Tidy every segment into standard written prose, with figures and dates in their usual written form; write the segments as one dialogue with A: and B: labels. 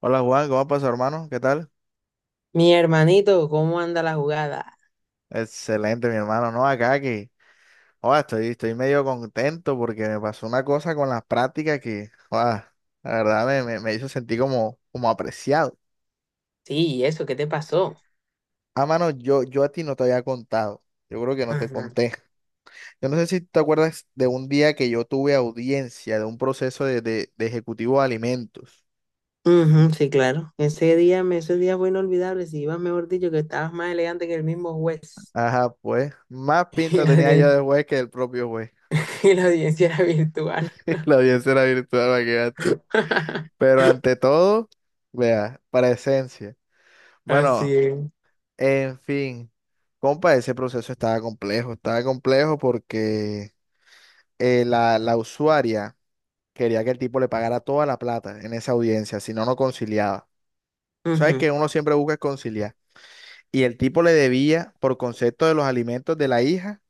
A: Hola Juan, ¿cómo pasó, hermano? ¿Qué tal?
B: Mi hermanito, ¿cómo anda la jugada?
A: Excelente, mi hermano. No, acá que, joda, estoy medio contento porque me pasó una cosa con las prácticas que, joda, la verdad me hizo sentir como apreciado.
B: Sí, ¿y eso? ¿Qué te pasó?
A: Ah, mano, yo a ti no te había contado. Yo creo que no te
B: Ajá.
A: conté. Yo no sé si te acuerdas de un día que yo tuve audiencia de un proceso de ejecutivo de alimentos.
B: Ujú, sí, claro. Ese día, ese día fue inolvidable. Si ibas, mejor dicho, que estabas más elegante que el mismo juez.
A: Ajá, pues, más
B: Y
A: pinta
B: la,
A: tenía yo
B: audien-
A: de juez que el propio juez.
B: y la audiencia era virtual.
A: La audiencia era virtual, para que veas tú. Pero ante todo, vea, presencia.
B: Así
A: Bueno,
B: es.
A: en fin, compa, ese proceso estaba complejo porque la usuaria quería que el tipo le pagara toda la plata en esa audiencia, si no, no conciliaba. ¿Sabes
B: Ujú,
A: que uno siempre busca conciliar? Y el tipo le debía, por concepto de los alimentos de la hija,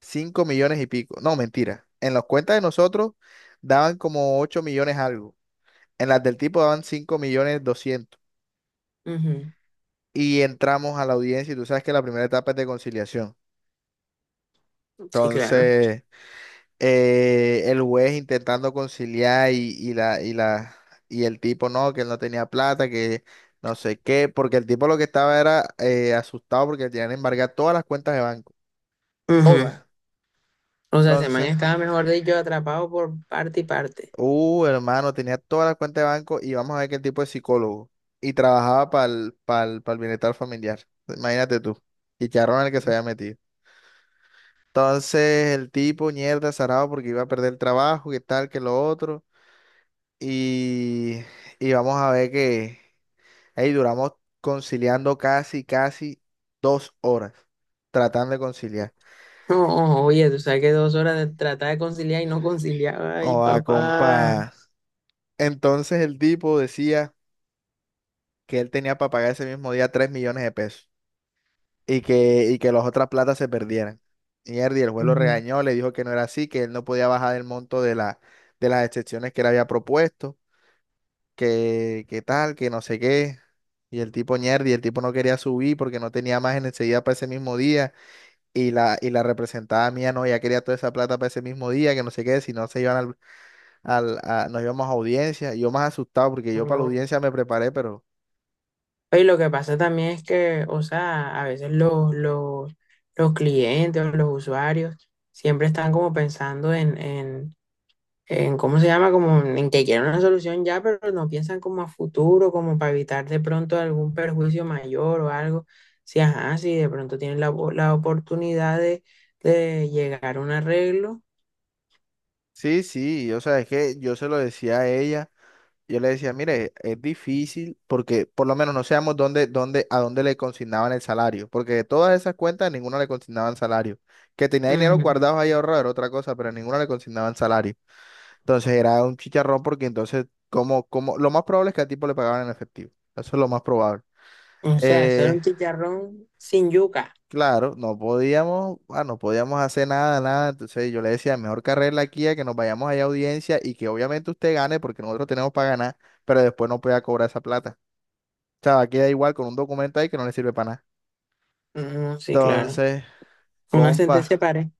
A: 5 millones y pico. No, mentira. En las cuentas de nosotros daban como 8 millones algo. En las del tipo daban 5.200.000.
B: ujú.
A: Y entramos a la audiencia y tú sabes que la primera etapa es de conciliación.
B: Sí, claro.
A: Entonces, el juez intentando conciliar y el tipo no, que él no tenía plata, que no sé qué, porque el tipo lo que estaba era asustado porque le tenían embargadas todas las cuentas de banco,
B: Ujú.
A: todas.
B: O sea, ese man
A: Entonces,
B: estaba, mejor dicho, atrapado por parte y parte.
A: hermano, tenía todas las cuentas de banco, y vamos a ver que el tipo es psicólogo y trabajaba para el bienestar familiar. Imagínate tú, y charrón en el que se había metido. Entonces el tipo, mierda, zarado porque iba a perder el trabajo, que tal, que lo otro. Y, y vamos a ver que ahí duramos conciliando casi, casi 2 horas tratando de conciliar.
B: Oh, oye, tú sabes que dos horas de tratar de conciliar y no conciliaba.
A: O
B: Ay,
A: a
B: papá.
A: compa. Entonces el tipo decía que él tenía para pagar ese mismo día 3 millones de pesos y que las otras platas se perdieran. Mierda, y el juez lo
B: Ujú.
A: regañó, le dijo que no era así, que él no podía bajar el monto de de las excepciones que él había propuesto, que tal, que no sé qué. Y el tipo ñerdi, el tipo no quería subir porque no tenía más en enseguida para ese mismo día. Y la representada mía no, ya quería toda esa plata para ese mismo día, que no sé qué, si no se iban nos íbamos a audiencia. Y yo más asustado porque yo para la
B: No.
A: audiencia me preparé, pero
B: Y lo que pasa también es que, o sea, a veces los clientes o los usuarios siempre están como pensando en, en ¿cómo se llama? Como en que quieren una solución ya, pero no piensan como a futuro, como para evitar de pronto algún perjuicio mayor o algo. Si, ajá, si de pronto tienen la, la oportunidad de llegar a un arreglo.
A: sí, sí, yo sabes que yo se lo decía a ella. Yo le decía, mire, es difícil porque por lo menos no sabemos a dónde le consignaban el salario, porque de todas esas cuentas ninguna le consignaban salario. Que tenía dinero
B: Ujú.
A: guardado ahí ahorrado era otra cosa, pero ninguna le consignaban salario. Entonces era un chicharrón porque entonces, lo más probable es que al tipo le pagaban en efectivo. Eso es lo más probable.
B: O sea, eso era
A: Eh,
B: un chicharrón sin yuca.
A: claro, no podíamos, no podíamos hacer nada, nada. Entonces yo le decía, mejor carrera aquí a que nos vayamos allá a audiencia y que obviamente usted gane porque nosotros tenemos para ganar, pero después no pueda cobrar esa plata. Sea, queda igual con un documento ahí que no le sirve para nada.
B: Ujú, sí, claro.
A: Entonces,
B: Una sentencia
A: compa,
B: para.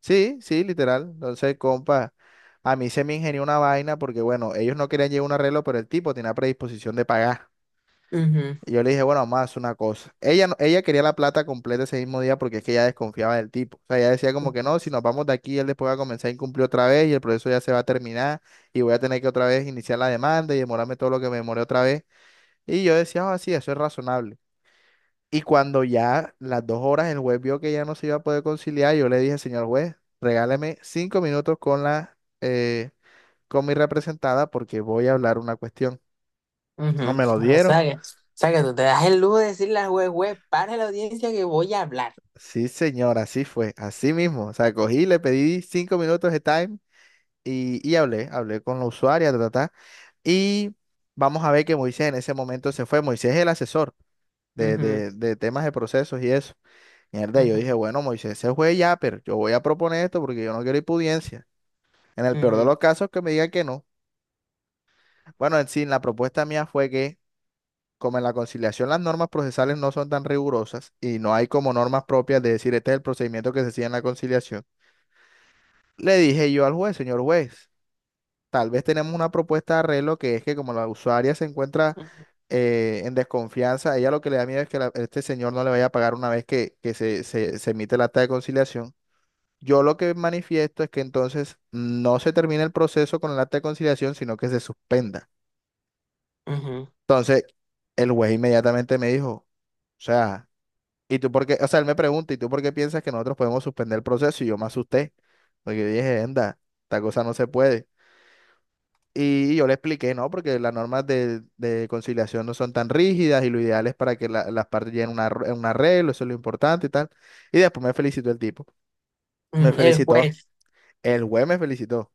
A: sí, sí, literal. Entonces, compa, a mí se me ingenió una vaina porque, bueno, ellos no querían llevar un arreglo, pero el tipo tenía predisposición de pagar. Y yo le dije, bueno, más una cosa. Ella, ella quería la plata completa ese mismo día porque es que ella desconfiaba del tipo. O sea, ella decía como que no, si nos vamos de aquí, él después va a comenzar a incumplir otra vez y el proceso ya se va a terminar, y voy a tener que otra vez iniciar la demanda y demorarme todo lo que me demoré otra vez. Y yo decía, sí, eso es razonable. Y cuando ya las 2 horas el juez vio que ya no se iba a poder conciliar, yo le dije, señor juez, regáleme 5 minutos con mi representada porque voy a hablar una cuestión. ¿No
B: Ujú.
A: me lo
B: O sea
A: dieron?
B: que, o sea que tú te das el lujo de decirle al juez, juez, para la audiencia que voy a hablar.
A: Sí, señor, así fue, así mismo. O sea, cogí, le pedí 5 minutos de time y hablé con la usuaria, ta, ta, ta. Y vamos a ver que Moisés en ese momento se fue. Moisés es el asesor de,
B: Ujú,
A: de, de temas de procesos y eso. Mierda, yo dije,
B: ujú,
A: bueno, Moisés se fue ya, pero yo voy a proponer esto porque yo no quiero impudiencia. En el peor de
B: ujú,
A: los casos, que me diga que no. Bueno, en sí, la propuesta mía fue que, como en la conciliación las normas procesales no son tan rigurosas y no hay como normas propias de decir este es el procedimiento que se sigue en la conciliación, le dije yo al juez, señor juez, tal vez tenemos una propuesta de arreglo que es que como la usuaria se encuentra en desconfianza, a ella lo que le da miedo es que este señor no le vaya a pagar una vez que se emite el acta de conciliación. Yo lo que manifiesto es que entonces no se termine el proceso con el acta de conciliación, sino que se suspenda.
B: ujú,
A: Entonces, el juez inmediatamente me dijo, o sea, ¿y tú por qué? O sea, él me pregunta, ¿y tú por qué piensas que nosotros podemos suspender el proceso? Y yo me asusté, porque yo dije, anda, esta cosa no se puede. Y yo le expliqué, no, porque las normas de conciliación no son tan rígidas, y lo ideal es para que las partes lleguen a un a un arreglo, eso es lo importante y tal. Y después me felicitó el tipo, me
B: ujú. El
A: felicitó,
B: juez,
A: el juez me felicitó.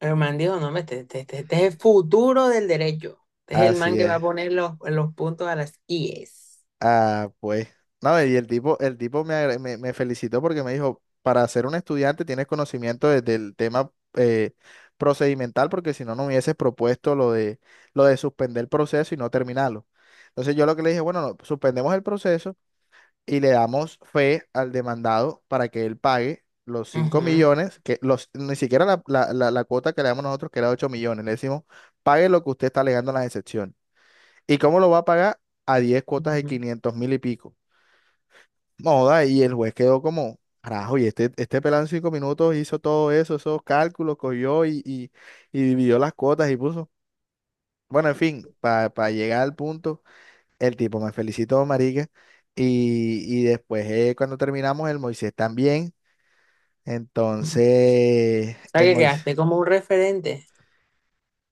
B: el man dijo, no, hombre, este es el futuro del derecho. Este es el man
A: Así
B: que va a
A: es.
B: poner los puntos a las IES.
A: Ah, pues. No, y el tipo, me felicitó porque me dijo, para ser un estudiante tienes conocimiento de- del tema, eh, procedimental, porque si no, no hubieses propuesto lo de suspender el proceso y no terminarlo. Entonces yo lo que le dije, bueno, no, suspendemos el proceso y le damos fe al demandado para que él pague los cinco
B: Ujú,
A: millones, que los, ni siquiera la cuota que le damos nosotros, que era 8 millones. Le decimos, pague lo que usted está alegando en las excepciones. ¿Y cómo lo va a pagar? A diez cuotas de
B: ujú,
A: quinientos mil y pico. Moda, y el juez quedó como, carajo, y este pelado en 5 minutos hizo todo eso, esos cálculos, cogió y dividió las cuotas y puso. Bueno, en fin, para llegar al punto, el tipo me felicitó, marica, y después, cuando terminamos, el Moisés también.
B: ujú.
A: Entonces,
B: O sea
A: el
B: que
A: Moisés,
B: quedaste como un referente.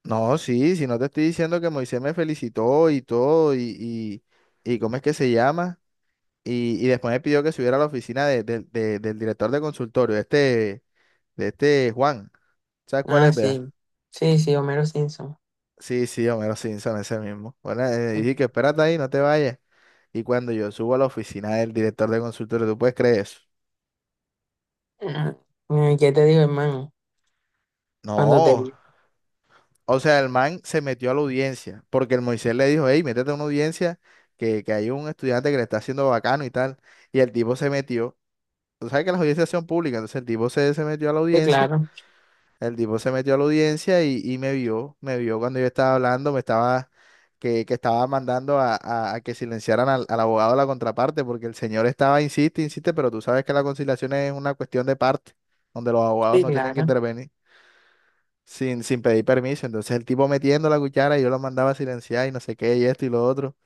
A: no, sí, si no te estoy diciendo que Moisés me felicitó y todo, y ¿cómo es que se llama? Y después me pidió que subiera a la oficina del director de consultorio, de este Juan. ¿Sabes cuál
B: Ah,
A: es, vea?
B: sí. Sí, sí, Homero Simpson.
A: Sí, sí, Homero Simpson, ese mismo. Bueno, dije
B: Ujú.
A: que espérate ahí, no te vayas. Y cuando yo subo a la oficina del director de consultorio, ¿tú puedes creer eso?
B: Ah, ¿y qué te digo, hermano? Cuando te
A: No.
B: vi.
A: O sea, el man se metió a la audiencia, porque el Moisés le dijo, hey, métete a una audiencia, que hay un estudiante que le está haciendo bacano y tal. Y el tipo se metió. Tú sabes que las audiencias son públicas, entonces el tipo se metió a la
B: Sí,
A: audiencia.
B: claro.
A: El tipo se metió a la audiencia y me vio cuando yo estaba hablando, que estaba mandando a que silenciaran al abogado de la contraparte, porque el señor estaba, insiste, insiste, pero tú sabes que la conciliación es una cuestión de parte, donde los abogados
B: Sí,
A: no tienen que
B: claro.
A: intervenir sin pedir permiso. Entonces el tipo metiendo la cuchara y yo lo mandaba a silenciar y no sé qué, y esto y lo otro.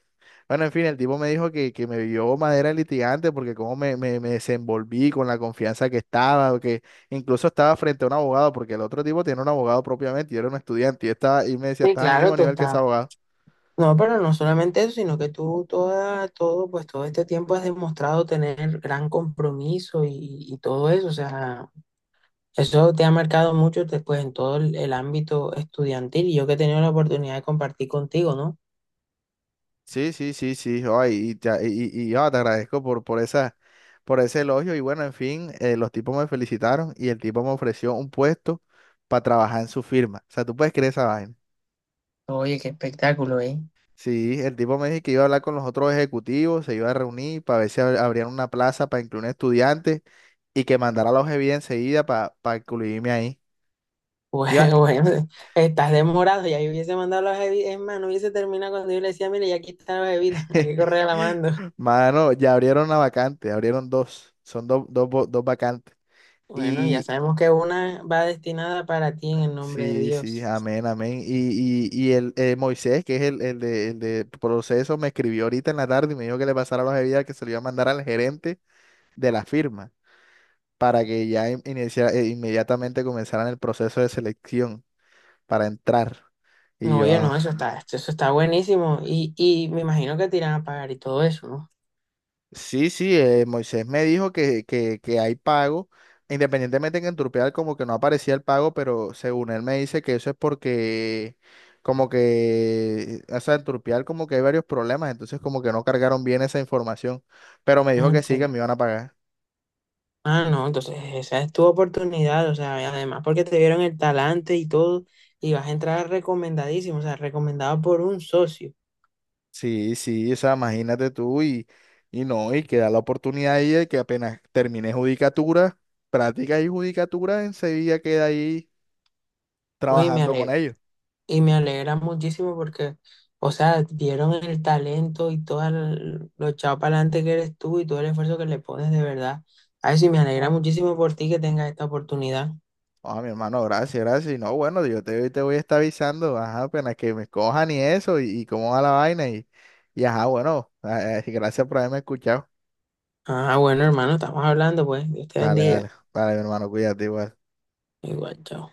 A: Bueno, en fin, el tipo me dijo que me vio madera de litigante porque cómo me desenvolví con la confianza que estaba, que incluso estaba frente a un abogado, porque el otro tipo tiene un abogado propiamente, yo era un estudiante y, yo estaba, y me decía,
B: Sí,
A: estás al
B: claro,
A: mismo
B: tú
A: nivel que ese
B: estabas.
A: abogado.
B: No, pero no solamente eso, sino que tú toda, todo, pues todo este tiempo has demostrado tener gran compromiso y todo eso, o sea, eso te ha marcado mucho después en todo el ámbito estudiantil y yo que he tenido la oportunidad de compartir contigo, ¿no?
A: Sí, sí, sí, sí, ay, te agradezco por esa, por ese elogio y bueno, en fin, los tipos me felicitaron y el tipo me ofreció un puesto para trabajar en su firma. O sea, tú puedes creer esa vaina.
B: Oye, qué espectáculo, ¿eh?
A: Sí, el tipo me dijo que iba a hablar con los otros ejecutivos, se iba a reunir para ver si abrían una plaza para incluir estudiantes y que mandara la OGB enseguida para incluirme ahí. Iba-
B: Bueno, bueno, estás demorado, ya yo hubiese mandado las bebidas, es más, no hubiese terminado cuando yo le decía, mire, ya aquí están las bebidas, aquí correa la mando.
A: Mano, ya abrieron una vacante, abrieron dos, son dos, dos vacantes.
B: Bueno, ya
A: Y
B: sabemos que una va destinada para ti en el nombre de
A: sí, sí,
B: Dios.
A: amén, amén. Y el Moisés, que es el de proceso, me escribió ahorita en la tarde y me dijo que le pasara los OGB, que se lo iba a mandar al gerente de la firma, para que ya inmediatamente comenzaran el proceso de selección para entrar. Y
B: No,
A: yo,
B: oye, no, eso está buenísimo. Y me imagino que te irán a pagar y todo eso, ¿no?
A: sí, sí, Moisés me dijo que hay pago, independientemente que en Turpial como que no aparecía el pago, pero según él me dice que eso es porque como que, o sea, en Turpial como que hay varios problemas, entonces como que no cargaron bien esa información, pero me dijo
B: Mm,
A: que sí, que
B: sí.
A: me iban a pagar.
B: Ah, no, entonces esa es tu oportunidad, o sea, y además porque te vieron el talante y todo, y vas a entrar recomendadísimo, o sea, recomendado por un socio.
A: Sí, sí, o sea, imagínate tú y no, y que da la oportunidad ahí de que apenas termine judicatura, práctica y judicatura, enseguida queda ahí
B: Uy,
A: trabajando con ellos.
B: y me alegra muchísimo porque, o sea, vieron el talento y todo el- lo echado para adelante que eres tú y todo el esfuerzo que le pones de verdad. Ay, sí, me alegra muchísimo por ti que tengas esta oportunidad.
A: Ah, mi hermano, gracias, gracias. Y no, bueno, yo te voy a estar avisando, ajá, apenas que me cojan y eso, y cómo va la vaina, y ajá, bueno, gracias por haberme escuchado.
B: Ah, bueno, hermano, estamos hablando, pues, Dios te
A: Dale,
B: bendiga.
A: dale, dale, mi hermano, cuídate igual.
B: Igual, chao.